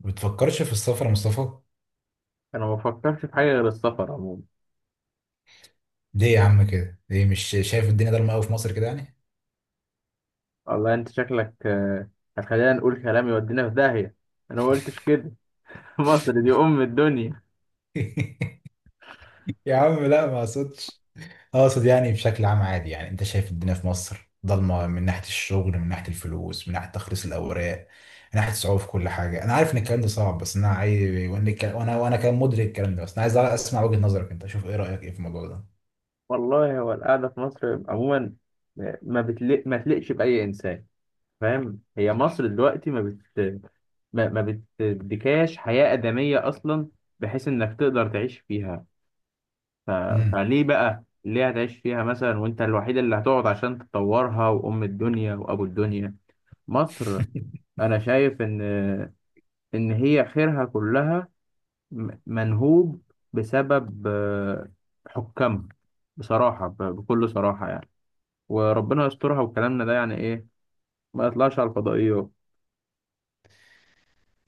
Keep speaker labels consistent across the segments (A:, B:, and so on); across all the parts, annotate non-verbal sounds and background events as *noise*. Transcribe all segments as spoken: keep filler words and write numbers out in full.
A: ما بتفكرش في السفر يا مصطفى؟
B: انا ما فكرتش في حاجه غير السفر عموما.
A: ليه يا عم كده؟ ليه مش شايف الدنيا ضلمه قوي في مصر كده يعني؟
B: والله انت شكلك آه، هتخلينا نقول كلام يودينا في داهيه. انا ما قلتش كده. *laughs* مصر دي ام الدنيا.
A: *laughs* يا عم لا ما اقصدش، اقصد يعني بشكل عام عادي. يعني انت شايف الدنيا في مصر ضلمه من ناحيه الشغل، من ناحيه الفلوس، من ناحيه تخليص الاوراق، من ناحيه الصعوبه في كل حاجه. انا عارف ان الكلام ده صعب، بس انا عايز، وانا الكلام- وانا وأنا كان مدرك الكلام ده، بس انا عايز اسمع وجهه نظرك انت. شوف ايه رايك ايه في الموضوع ده.
B: والله هو القعده في مصر عموما، ما بتلق ما تلقش باي انسان فاهم. هي مصر دلوقتي ما بت ما, ما بتديكاش حياه ادميه اصلا بحيث انك تقدر تعيش فيها. ف...
A: امم
B: فليه بقى، ليه هتعيش فيها مثلا وانت الوحيد اللي هتقعد عشان تطورها، وام الدنيا وابو الدنيا مصر.
A: *laughs*
B: انا شايف ان إن هي خيرها كلها م- منهوب بسبب آه، حكامها. بصراحة، ب- بكل صراحة يعني، وربنا يسترها. وكلامنا ده يعني إيه ما يطلعش على الفضائيات،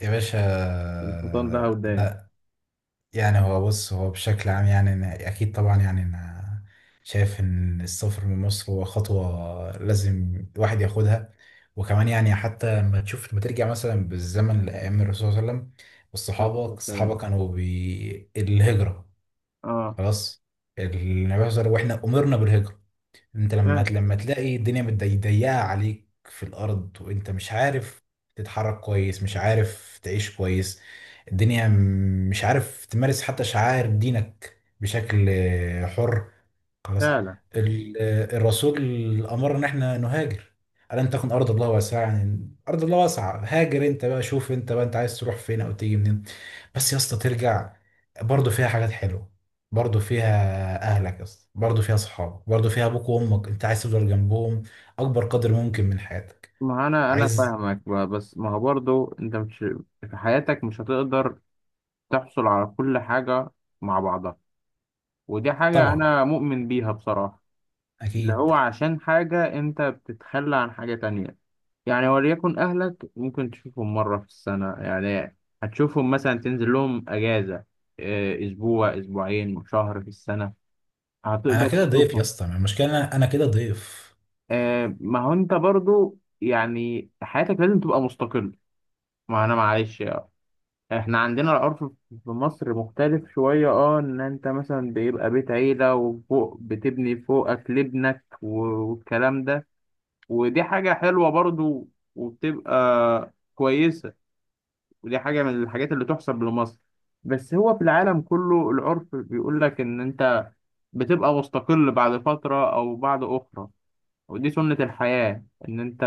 A: يا باشا،
B: والحيطان لها وداع.
A: لا يعني هو بص، هو بشكل عام يعني أنا أكيد طبعا، يعني أنا شايف إن السفر من مصر هو خطوة لازم الواحد ياخدها. وكمان يعني حتى لما تشوف، لما ترجع مثلا بالزمن لأيام الرسول صلى الله عليه وسلم، والصحابة
B: السلام.
A: الصحابة كانوا بالهجرة.
B: آه.
A: خلاص، النبي صلى الله عليه وسلم وإحنا أمرنا بالهجرة. انت لما
B: فعلا.
A: لما تلاقي الدنيا متضي- ضيقه عليك في الارض، وانت مش عارف تتحرك كويس، مش عارف تعيش كويس الدنيا، م- مش عارف تمارس حتى شعائر دينك بشكل آه، حر. خلاص،
B: فعلا.
A: ال- الرسول امرنا ان احنا نهاجر. الم تكن ارض الله واسعه؟ يعني ارض الله واسعه، هاجر انت بقى. شوف انت بقى انت عايز تروح فين او تيجي منين. بس يا اسطى، ترجع برضه فيها حاجات حلوه، برضه فيها اهلك يا اسطى، برضه فيها صحابك، برضه فيها ابوك وامك، انت عايز تفضل جنبهم اكبر قدر ممكن من حياتك.
B: ما أنا أنا
A: عايز
B: فاهمك بقى، بس ما هو برضه أنت مش في حياتك مش هتقدر تحصل على كل حاجة مع بعضها. ودي حاجة
A: طبعا،
B: أنا مؤمن بيها بصراحة. اللي
A: اكيد.
B: هو عشان حاجة أنت بتتخلى عن حاجة تانية، يعني وليكن أهلك ممكن تشوفهم مرة في السنة يعني. هتشوفهم مثلا، تنزل لهم أجازة، آه، أسبوع، أسبوعين، شهر في السنة
A: انا
B: هتقدر
A: كده ضيف يا
B: تشوفهم.
A: اسطى، المشكله انا، أنا كده ضيف
B: آه، ما هو أنت برضو يعني حياتك لازم تبقى مستقل. ما أنا معلش يعني. إحنا عندنا العرف في مصر مختلف شوية، أه، إن أنت مثلا بيبقى بيت عيلة وفوق بتبني فوقك لابنك والكلام ده. ودي حاجة حلوة برضو وبتبقى كويسة، ودي حاجة من الحاجات اللي تحسب لمصر. بس هو في العالم كله العرف بيقول لك إن أنت بتبقى مستقل بعد فترة أو بعد أخرى. ودي سنة الحياة، إن أنت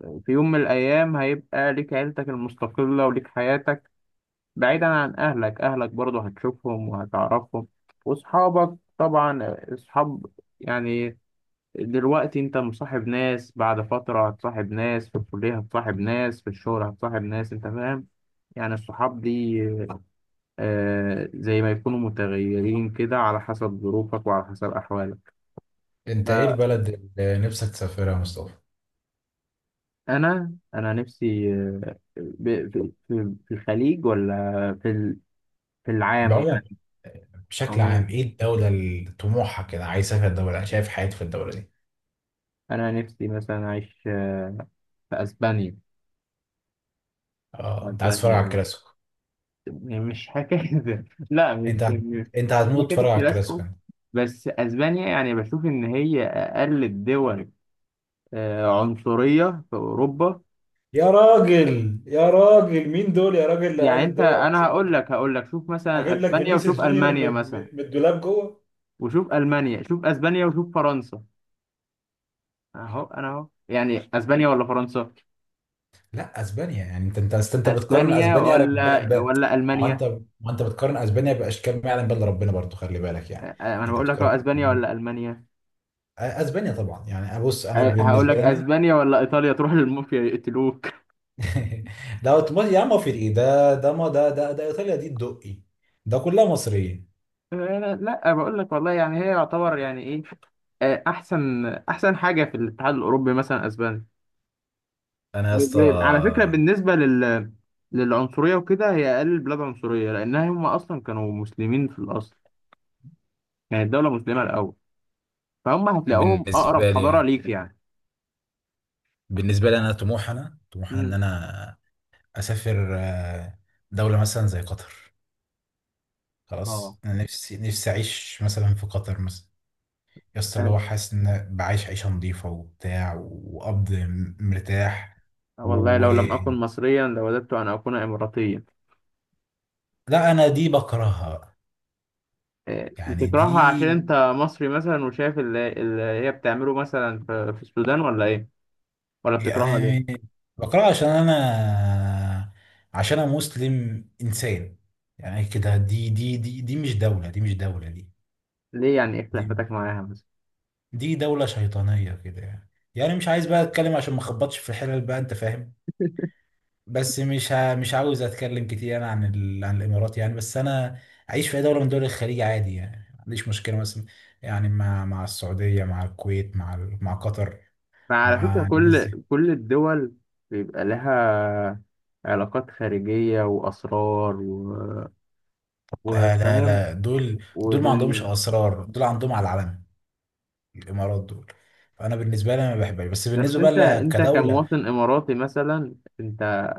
B: في يوم من الأيام هيبقى ليك عيلتك المستقلة وليك حياتك بعيدا عن أهلك، أهلك برضو هتشوفهم وهتعرفهم. وأصحابك طبعا، أصحاب يعني دلوقتي انت مصاحب ناس، بعد فترة هتصاحب ناس في الكلية، هتصاحب ناس في الشغل، هتصاحب ناس، انت فاهم يعني. الصحاب دي آه زي ما يكونوا متغيرين كده على حسب ظروفك وعلى حسب أحوالك.
A: انت ايه البلد اللي نفسك تسافرها يا مصطفى؟
B: فأنا أنا نفسي، آه، ب- في في- في الخليج ولا في ال- في العام
A: بعموم،
B: يعني.
A: بشكل عام،
B: عموما
A: ايه الدولة اللي طموحها كده، عايز اسافر الدولة شايف حياتي في الدولة دي.
B: أنا نفسي مثلا أعيش آه، في أسبانيا.
A: اه، انت عايز تتفرج على
B: أسبانيا
A: الكلاسيكو؟
B: يعني، مش حكاية ده. لا، مش
A: انت هت-
B: مش
A: انت
B: مش
A: هتموت
B: حكاية
A: تتفرج على الكلاسيكو
B: الكلاسيكو.
A: انت.
B: بس أسبانيا يعني بشوف إن هي أقل الدول آه، عنصرية في أوروبا.
A: يا راجل يا راجل، مين دول يا راجل اللي
B: يعني
A: قال
B: أنت،
A: الدوري
B: أنا هقول
A: العنصرية؟
B: لك هقول لك شوف مثلا
A: اجيب لك
B: أسبانيا
A: فينيسيوس
B: وشوف
A: جونيور
B: ألمانيا
A: من
B: مثلا.
A: من- من الدولاب جوه.
B: وشوف ألمانيا، شوف أسبانيا وشوف فرنسا. أهو أنا أهو يعني أسبانيا ولا فرنسا،
A: لا اسبانيا يعني، انت انت أصل انت بتقارن
B: أسبانيا
A: اسبانيا ب...
B: ولا
A: ب...
B: ولا
A: ما هو انت،
B: ألمانيا.
A: ما انت بتقارن اسبانيا باشكال ما يعلم بها ربنا، برضو خلي بالك يعني.
B: آه، أنا
A: انت
B: بقول لك أهو
A: بتقارن
B: أسبانيا ولا ألمانيا.
A: اسبانيا طبعا، يعني بص انا
B: آه، هقول
A: بالنسبه
B: لك
A: لنا.
B: أسبانيا ولا إيطاليا، تروح للمافيا يقتلوك.
A: *laughs* ده اوتوماتيك يا عم، وفي ايه ده، ده ما ده ده ده ايطاليا دي الدقي، ده كلها مصريه.
B: آه، لا بقول لك والله يعني هي يعتبر يعني ايه، آه، احسن احسن حاجه في الاتحاد الاوروبي مثلا اسبانيا.
A: انا يا اسطى
B: وب- على فكره بالنسبه لل للعنصريه وكده، هي اقل البلاد عنصريه لانها هم اصلا كانوا مسلمين في الاصل. يعني الدوله مسلمه الاول، فهم هتلاقوهم اقرب
A: بالنسبه
B: حضاره
A: لي،
B: ليك يعني.
A: بالنسبه لي انا طموحي، انا طموحي ان
B: مم.
A: انا اسافر آه، دوله مثلا زي قطر.
B: اه.
A: خلاص انا نفسي نفسي اعيش مثلا في قطر مثلا يا اسطى. اللي
B: آه،
A: هو حاسس ان بعيش عيشه نظيفه وبتاع، وقبض م- مرتاح.
B: والله
A: و
B: لو لم اكن مصريا لوددت ان اكون اماراتيا.
A: لا انا دي بكرهها بقى.
B: آه،
A: يعني
B: بتكرهها
A: دي
B: عشان انت مصري مثلا وشايف اللي, اللي هي بتعمله مثلا في في السودان، ولا ايه، ولا بتكرهها؟
A: يعني بقرأ، عشان أنا عشان أنا مسلم، إنسان يعني كده. دي دي دي دي مش دولة، دي مش دولة دي
B: ليه، يعني ايه
A: دي،
B: خلافتك معاها مثلا؟
A: دي دولة شيطانية كده يعني. يعني مش عايز بقى أتكلم عشان ما أخبطش في الحلل بقى، أنت فاهم. بس مش ه... مش عاوز أتكلم كتير أنا عن ال... عن الإمارات يعني. بس أنا أعيش في أي دولة من دول الخليج عادي يعني، ما عنديش مشكلة مثلا. يعني مع مع السعودية، مع الكويت، مع ال... مع قطر،
B: فعلى فكرة،
A: مع الناس.
B: كل كل الدول بيبقى لها علاقات خارجية وأسرار و-
A: لا لا
B: وفاهم
A: لا، دول دول ما عندهمش
B: ودنيا.
A: اسرار، دول عندهم على العلن. الامارات دول، فانا بالنسبه لي أنا ما بحبهاش، بس
B: بس
A: بالنسبه بقى
B: انت
A: ل-
B: انت
A: كدوله.
B: كمواطن إماراتي مثلا، انت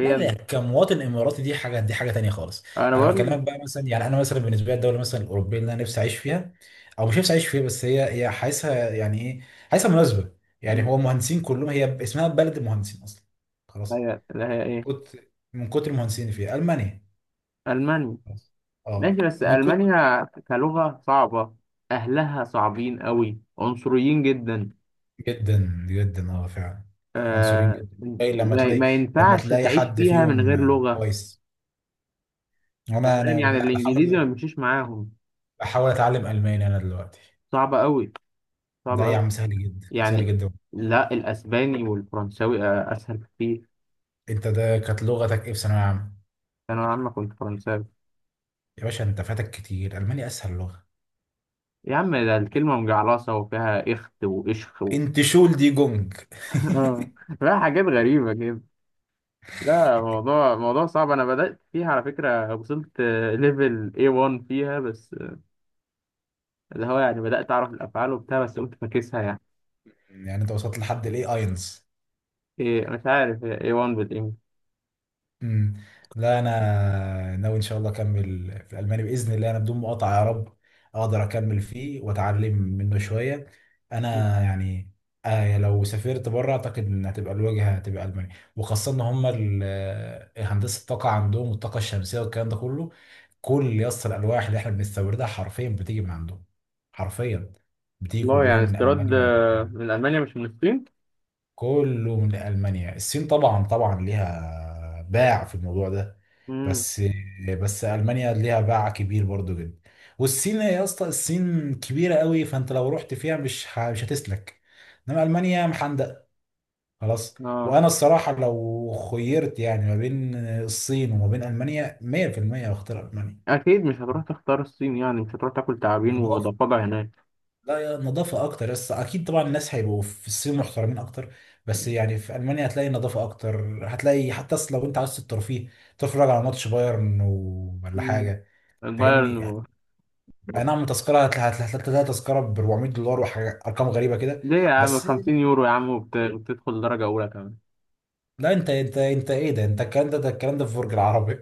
A: لا لا، كمواطن اماراتي دي حاجه، دي حاجه تانية خالص.
B: انا
A: انا
B: بقول لك.
A: بكلمك بقى مثلا يعني، انا مثلا بالنسبه لي الدوله مثلا الاوروبيه اللي انا نفسي اعيش فيها، او مش نفسي اعيش فيها، بس هي هي حاسسها يعني ايه، حاسسها مناسبه. يعني هو مهندسين كلهم، هي ب- اسمها بلد المهندسين اصلا. خلاص،
B: هي، لا هي ايه،
A: كنت من كتر المهندسين اللي فيها، المانيا.
B: ألمانيا.
A: خلاص. اه،
B: ماشي، بس
A: من كتر،
B: ألمانيا كلغة صعبة، أهلها صعبين قوي، عنصريين جدا.
A: جدا جدا اه فعلا، عنصرين
B: آه.
A: جدا. اي لما
B: ما
A: تلاقي،
B: ما
A: لما
B: ينفعش
A: تلاقي
B: تعيش
A: حد
B: فيها من
A: فيهم
B: غير
A: آه،
B: لغة.
A: كويس.
B: أنت
A: وانا
B: فاهم
A: انا
B: يعني، الانجليزي ما
A: بحاول،
B: بيمشيش معاهم.
A: بحاول اتعلم الماني انا دلوقتي.
B: صعب قوي، صعب
A: ده يا
B: قوي
A: عم سهل جدا، سهل
B: يعني.
A: جدا.
B: لا، الاسباني والفرنساوي آه، اسهل كتير.
A: انت ده كانت لغتك ايه في ثانويه عامه؟
B: انا يا عم كنت فرنساوي.
A: يا باشا انت فاتك كتير، الماني اسهل لغه.
B: يا عم ده الكلمه مجعلصه وفيها اخت واشخ و...
A: انت شول دي جونج.
B: *laughs* آه، فيها حاجات غريبه كده. لا، موضوع موضوع صعب، انا بدات فيها على فكره، وصلت ليفل إيه وان فيها بس، آه، اللي هو يعني بدات اعرف الافعال وبتاع، بس قمت فاكسها يعني.
A: *laughs* يعني انت وصلت لحد الاي اينز.
B: إيه، مش عارف، هي إيه وان بالانجلش.
A: امم لا انا ناوي ان شاء الله اكمل في الالماني باذن الله، انا بدون مقاطعه يا رب اقدر اكمل فيه واتعلم منه شويه. انا يعني آه، لو سافرت بره اعتقد ان هتبقى الواجهه هتبقى المانيا، وخاصه ان هم ال- آه، هندسه الطاقه عندهم والطاقه الشمسيه والكلام ده كله. كل يص الالواح اللي احنا بنستوردها حرفيا بتيجي من عندهم، حرفيا بتيجي
B: والله
A: كلها
B: يعني
A: من
B: استيراد
A: المانيا
B: آه،
A: وبتاع.
B: من المانيا مش من الصين.
A: كله من ألمانيا. الصين طبعا طبعا ليها باع في الموضوع ده،
B: امم.
A: بس بس ألمانيا ليها باع كبير برضو جدا. والصين يا اسطى، الصين كبيرة قوي فأنت لو رحت فيها مش ه- مش هتسلك. إنما ألمانيا محندق. خلاص.
B: اه،
A: وأنا الصراحة لو خيرت يعني ما بين الصين وما بين ألمانيا مية في المية هختار ألمانيا.
B: اكيد مش هتروح تختار الصين، يعني مش هتروح تاكل تعابين
A: نظافة،
B: وضفادع هناك.
A: لا يا، نظافة أكتر. بس أكيد طبعا الناس هيبقوا في الصين محترمين أكتر، بس يعني في ألمانيا هتلاقي نظافة أكتر، هتلاقي حتى أصل لو أنت عايز الترفيه تتفرج على ماتش بايرن و- ولا
B: مم.
A: حاجة،
B: البايرن
A: فاهمني.
B: و...
A: أي نعم، تذكرة هتل- هتل- هتلاقي تذكرة ب اربعمية دولار وحاجة، أرقام غريبة كده.
B: ليه يا عم،
A: بس
B: 50 يورو يا عم، وبت... وبتدخل درجة أولى كمان.
A: لا أنت أنت أنت إيه ده؟ أنت الكلام ده، ده الكلام ده في برج العرب.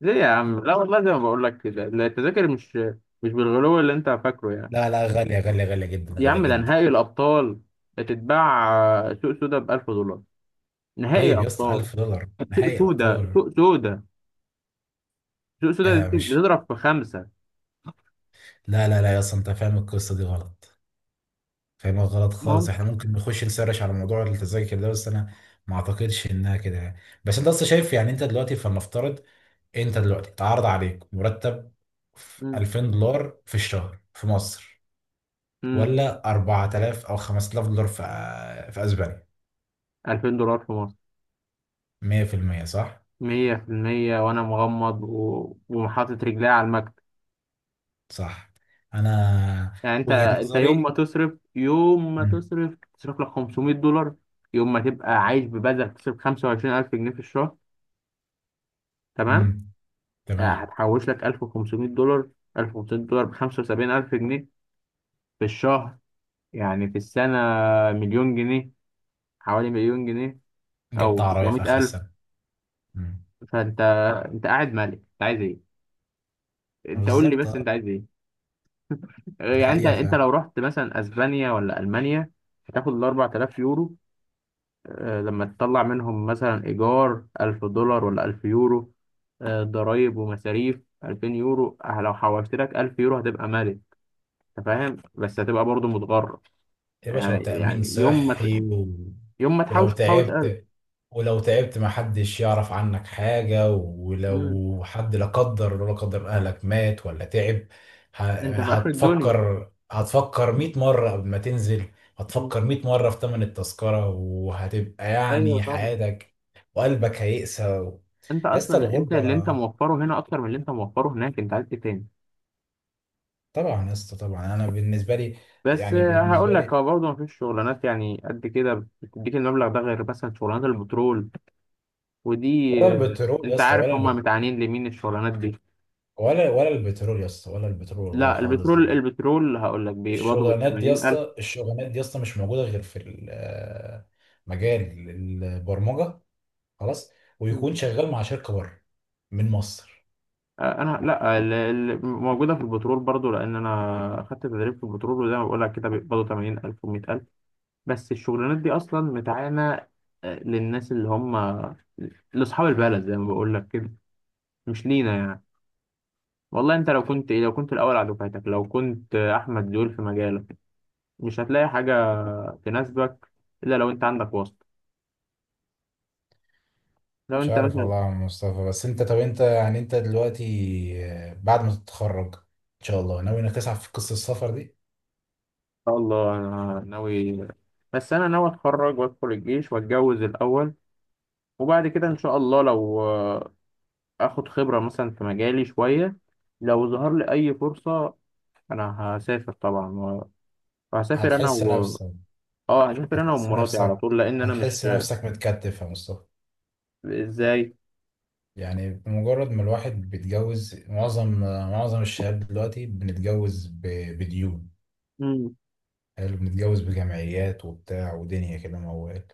B: ليه يا عم، لا والله زي ما بقول لك كده، لا، التذاكر مش مش بالغلو اللي أنت فاكره يعني.
A: لا لا، غالية، غالية غالية جدا،
B: يا
A: غالية
B: عم ده
A: جدا.
B: نهائي الأبطال، هتتباع آه، سوق سودا ب ألف دولار، نهائي
A: طيب يا اسطى
B: أبطال.
A: الف دولار
B: سوق
A: نهائي
B: سودا،
A: أبطال؟
B: سوق سودا، سوق سودا
A: آه
B: دي
A: مش،
B: بتضرب في خمسة.
A: لا لا لا يا اسطى، أنت فاهم القصة دي غلط، فاهمها غلط خالص.
B: ممكن.
A: احنا ممكن نخش نسرش على موضوع التذاكر ده، بس انا ما اعتقدش انها كده يعني. بس انت اصلا شايف يعني، انت دلوقتي فلنفترض انت دلوقتي اتعرض عليك مرتب في الفين دولار في الشهر في مصر،
B: امم.
A: ولا اربعة تلاف او خمسة الاف دولار في في اسبانيا.
B: ألفين دولار في مصر،
A: مية في المية صح.
B: مية في المية، وأنا مغمض و... وحاطط رجلي على المكتب.
A: صح، انا
B: يعني أنت
A: وجهة
B: أنت يوم ما
A: نظري.
B: تصرف، يوم ما تصرف تصرف لك خمسمئة دولار، يوم ما تبقى عايش ببذل تصرف خمسة وعشرين ألف جنيه في الشهر. تمام.
A: امم
B: آه،
A: تمام.
B: هتحوش لك ألف وخمسميه دولار، ألف وخمسمئة دولار ب خمسة وسبعين ألف جنيه في الشهر، يعني في السنة مليون جنيه، حوالي مليون جنيه
A: جبت
B: أو
A: عربية في اخر
B: تسعميه ألف.
A: السنة. امم
B: فأنت، أنت قاعد مالك، أنت عايز إيه؟ أنت قول لي
A: بالظبط
B: بس،
A: اه.
B: أنت عايز إيه؟
A: دي
B: يعني انت انت
A: حقيقة.
B: لو رحت مثلا اسبانيا ولا المانيا، هتاخد ال أربعة آلاف يورو، آه، لما تطلع منهم مثلا ايجار ألف دولار ولا 1000 يورو، آه، ضرايب ومصاريف 2000 يورو، آه، لو حوشت لك 1000 يورو هتبقى مالك، انت فاهم، بس هتبقى برضو متغرب.
A: يا باشا،
B: يعني
A: وتأمين
B: يعني يوم ما ت-
A: صحي و...
B: يوم ما
A: ولو
B: تحوش تحوش ألف.
A: تعبت، ولو تعبت ما حدش يعرف عنك حاجة.
B: مم.
A: ولو حد لا قدر لا قدر أهلك مات ولا تعب، ه...
B: انت في اخر الدنيا.
A: هتفكر، هتفكر مية مرة قبل ما تنزل،
B: مم.
A: هتفكر مية مرة في تمن التذكرة، وهتبقى
B: ايوه
A: يعني
B: طبعا.
A: حياتك وقلبك هيقسى و...
B: انت
A: يا اسطى،
B: اصلا، انت اللي انت
A: الغربة
B: موفره هنا اكتر من اللي انت موفره هناك، انت عايز ايه تاني؟
A: طبعا يا اسطى. طبعا أنا بالنسبة لي،
B: بس
A: يعني
B: هقول
A: بالنسبة
B: لك،
A: لي،
B: هو برضه مفيش شغلانات يعني قد كده بتديك المبلغ ده غير مثلا شغلانات البترول، ودي
A: ولا
B: آه،
A: البترول يا
B: انت
A: اسطى،
B: عارف
A: ولا
B: هم متعانين لمين الشغلانات دي.
A: ولا، ولا البترول يا اسطى، ولا البترول والله
B: لا،
A: خالص
B: البترول،
A: دلوقتي.
B: البترول هقول لك بيقبضوا بال
A: الشغلانات دي يا
B: ثمانين ألف.
A: اسطى، الشغلانات دي يا اسطى مش موجوده غير في ال- مجال البرمجه. خلاص، ويكون شغال مع شركه بره من مصر.
B: آه، انا، لا، ال- ال- موجوده في البترول برضو لان انا خدت تدريب في البترول، وزي ما بقول لك كده بيقبضوا تمانين ألف و100000 ألف. بس الشغلانات دي اصلا متعانه آه، للناس اللي هم لاصحاب البلد، زي ما بقول لك كده، مش لينا يعني. والله انت لو كنت ايه، لو كنت الاول على دفعتك، لو كنت احمد زويل في مجالك، مش هتلاقي حاجه تناسبك الا لو انت عندك واسطه، لو
A: مش
B: انت
A: عارف
B: مثلا، ان
A: والله يا عم مصطفى، بس انت طب انت يعني، انت دلوقتي آه، بعد ما تتخرج ان شاء الله، ناوي انك تسعى في قصه السفر دي؟
B: شاء الله انا ناوي. بس انا ناوي اتخرج وادخل الجيش واتجوز الاول، وبعد كده ان شاء الله لو آه، اخد خبره مثلا في مجالي شويه، لو ظهر لي اي فرصه انا هسافر طبعا و- وهسافر انا
A: هتحس
B: و
A: نفسك،
B: اه هسافر انا
A: هتحس
B: ومراتي على طول
A: نفسك،
B: لان انا مش.
A: هتحس نفسك متكتف يا مصطفى.
B: ازاي؟
A: يعني بمجرد ما الواحد بيتجوز، معظم معظم الشباب دلوقتي بنتجوز ب- بديون.
B: مم.
A: حلو، بنتجوز بجمعيات وبتاع ودنيا كده موال.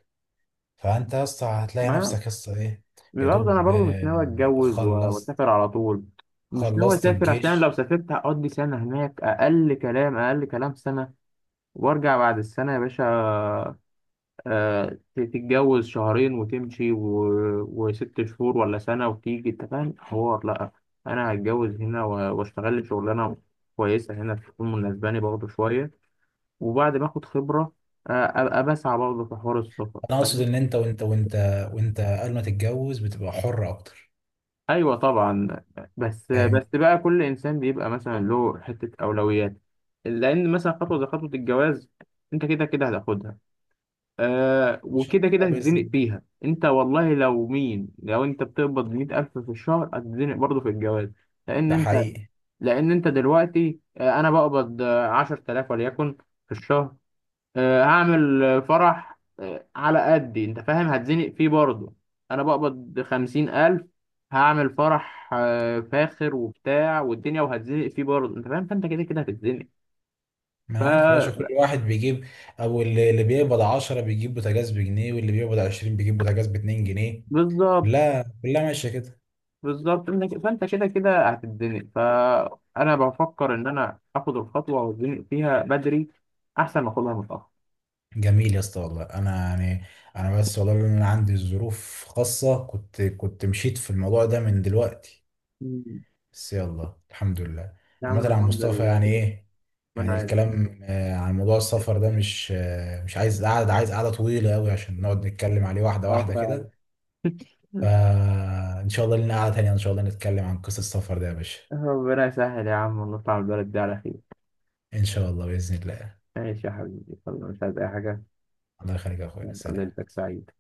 A: فانت يا اسطى هتلاقي
B: ما
A: نفسك يا اسطى ايه. يا
B: برضه انا
A: دوب
B: برضه مش ناوي
A: آه،
B: اتجوز و-
A: خلصت،
B: واسافر على طول، مش ناوي
A: خلصت
B: اسافر عشان لو
A: الجيش.
B: سافرت هقضي سنه هناك، اقل كلام، اقل كلام سنه، وارجع بعد السنه يا باشا. آه، ت- تتجوز شهرين وتمشي و... وست شهور ولا سنه وتيجي، انت فاهم حوار؟ لا، انا هتجوز هنا و- واشتغل لي شغلانه كويسه هنا تكون مناسباني برضه شويه، وبعد ما اخد خبره آه، ابقى بسعى برضه في حوار السفر.
A: انا اقصد ان انت وانت وانت وانت قبل ما تتجوز بتبقى حر اكتر،
B: ايوه طبعا. بس بس
A: فاهم.
B: بقى كل انسان بيبقى مثلا له حته اولويات، لان مثلا خطوه زي خطوه الجواز انت كده كده هتاخدها. آه،
A: ان شاء
B: وكده كده
A: الله باذن
B: هتتزنق
A: الله.
B: فيها، انت والله لو مين، لو انت بتقبض ميه ألف في الشهر هتتزنق برضه في الجواز. لان
A: ده
B: انت
A: حقيقي.
B: لان انت دلوقتي، آه، انا بقبض آه، عشرة آلاف وليكن في الشهر، آه، هعمل آه، فرح آه، على قدي، انت فاهم، هتزنق فيه برضه. انا بقبض خمسين الف، هعمل فرح آه، فاخر وبتاع والدنيا، وهتزنق فيه برضه انت فاهم، فانت كده كده هتتزنق.
A: ما
B: ف
A: أنا عارف يا باشا، كل واحد بيجيب، او اللي اللي بيقبض عشرة بيجيب بوتاجاز بجنيه، واللي بيقبض عشرين بيجيب بوتاجاز ب اتنين جنيه.
B: بالظبط،
A: لا كلها ماشيه كده.
B: بالظبط انت ك- فانت كده كده هتتزنق، فانا بفكر ان انا اخد الخطوه واتزنق فيها بدري احسن ما اخدها متاخر.
A: جميل يا اسطى، والله انا يعني، انا بس والله لأن انا عندي ظروف خاصه كنت، كنت مشيت في الموضوع ده من دلوقتي.
B: مم.
A: بس يلا الحمد لله.
B: يا عم
A: عامه عن
B: الحمد
A: مصطفى
B: لله.
A: يعني ايه، يعني
B: ربنا يعينك.
A: الكلام آه، عن موضوع السفر ده مش آه، مش عايز قعد، عايز قعده طويله قوي عشان نقعد نتكلم عليه واحده
B: اه
A: واحده
B: فعلا.
A: كده. فان شاء الله لنا قعده تانيه ان شاء الله نتكلم عن قصه السفر ده يا باشا.
B: ربنا يسهل يا عم ونطلع البلد دي على خير.
A: ان شاء الله باذن الله.
B: ماشي يا حبيبي، يلا، مش عايز أي حاجة.
A: الله يخليك يا اخويا،
B: أبقى
A: سلام.
B: ليلتك سعيد.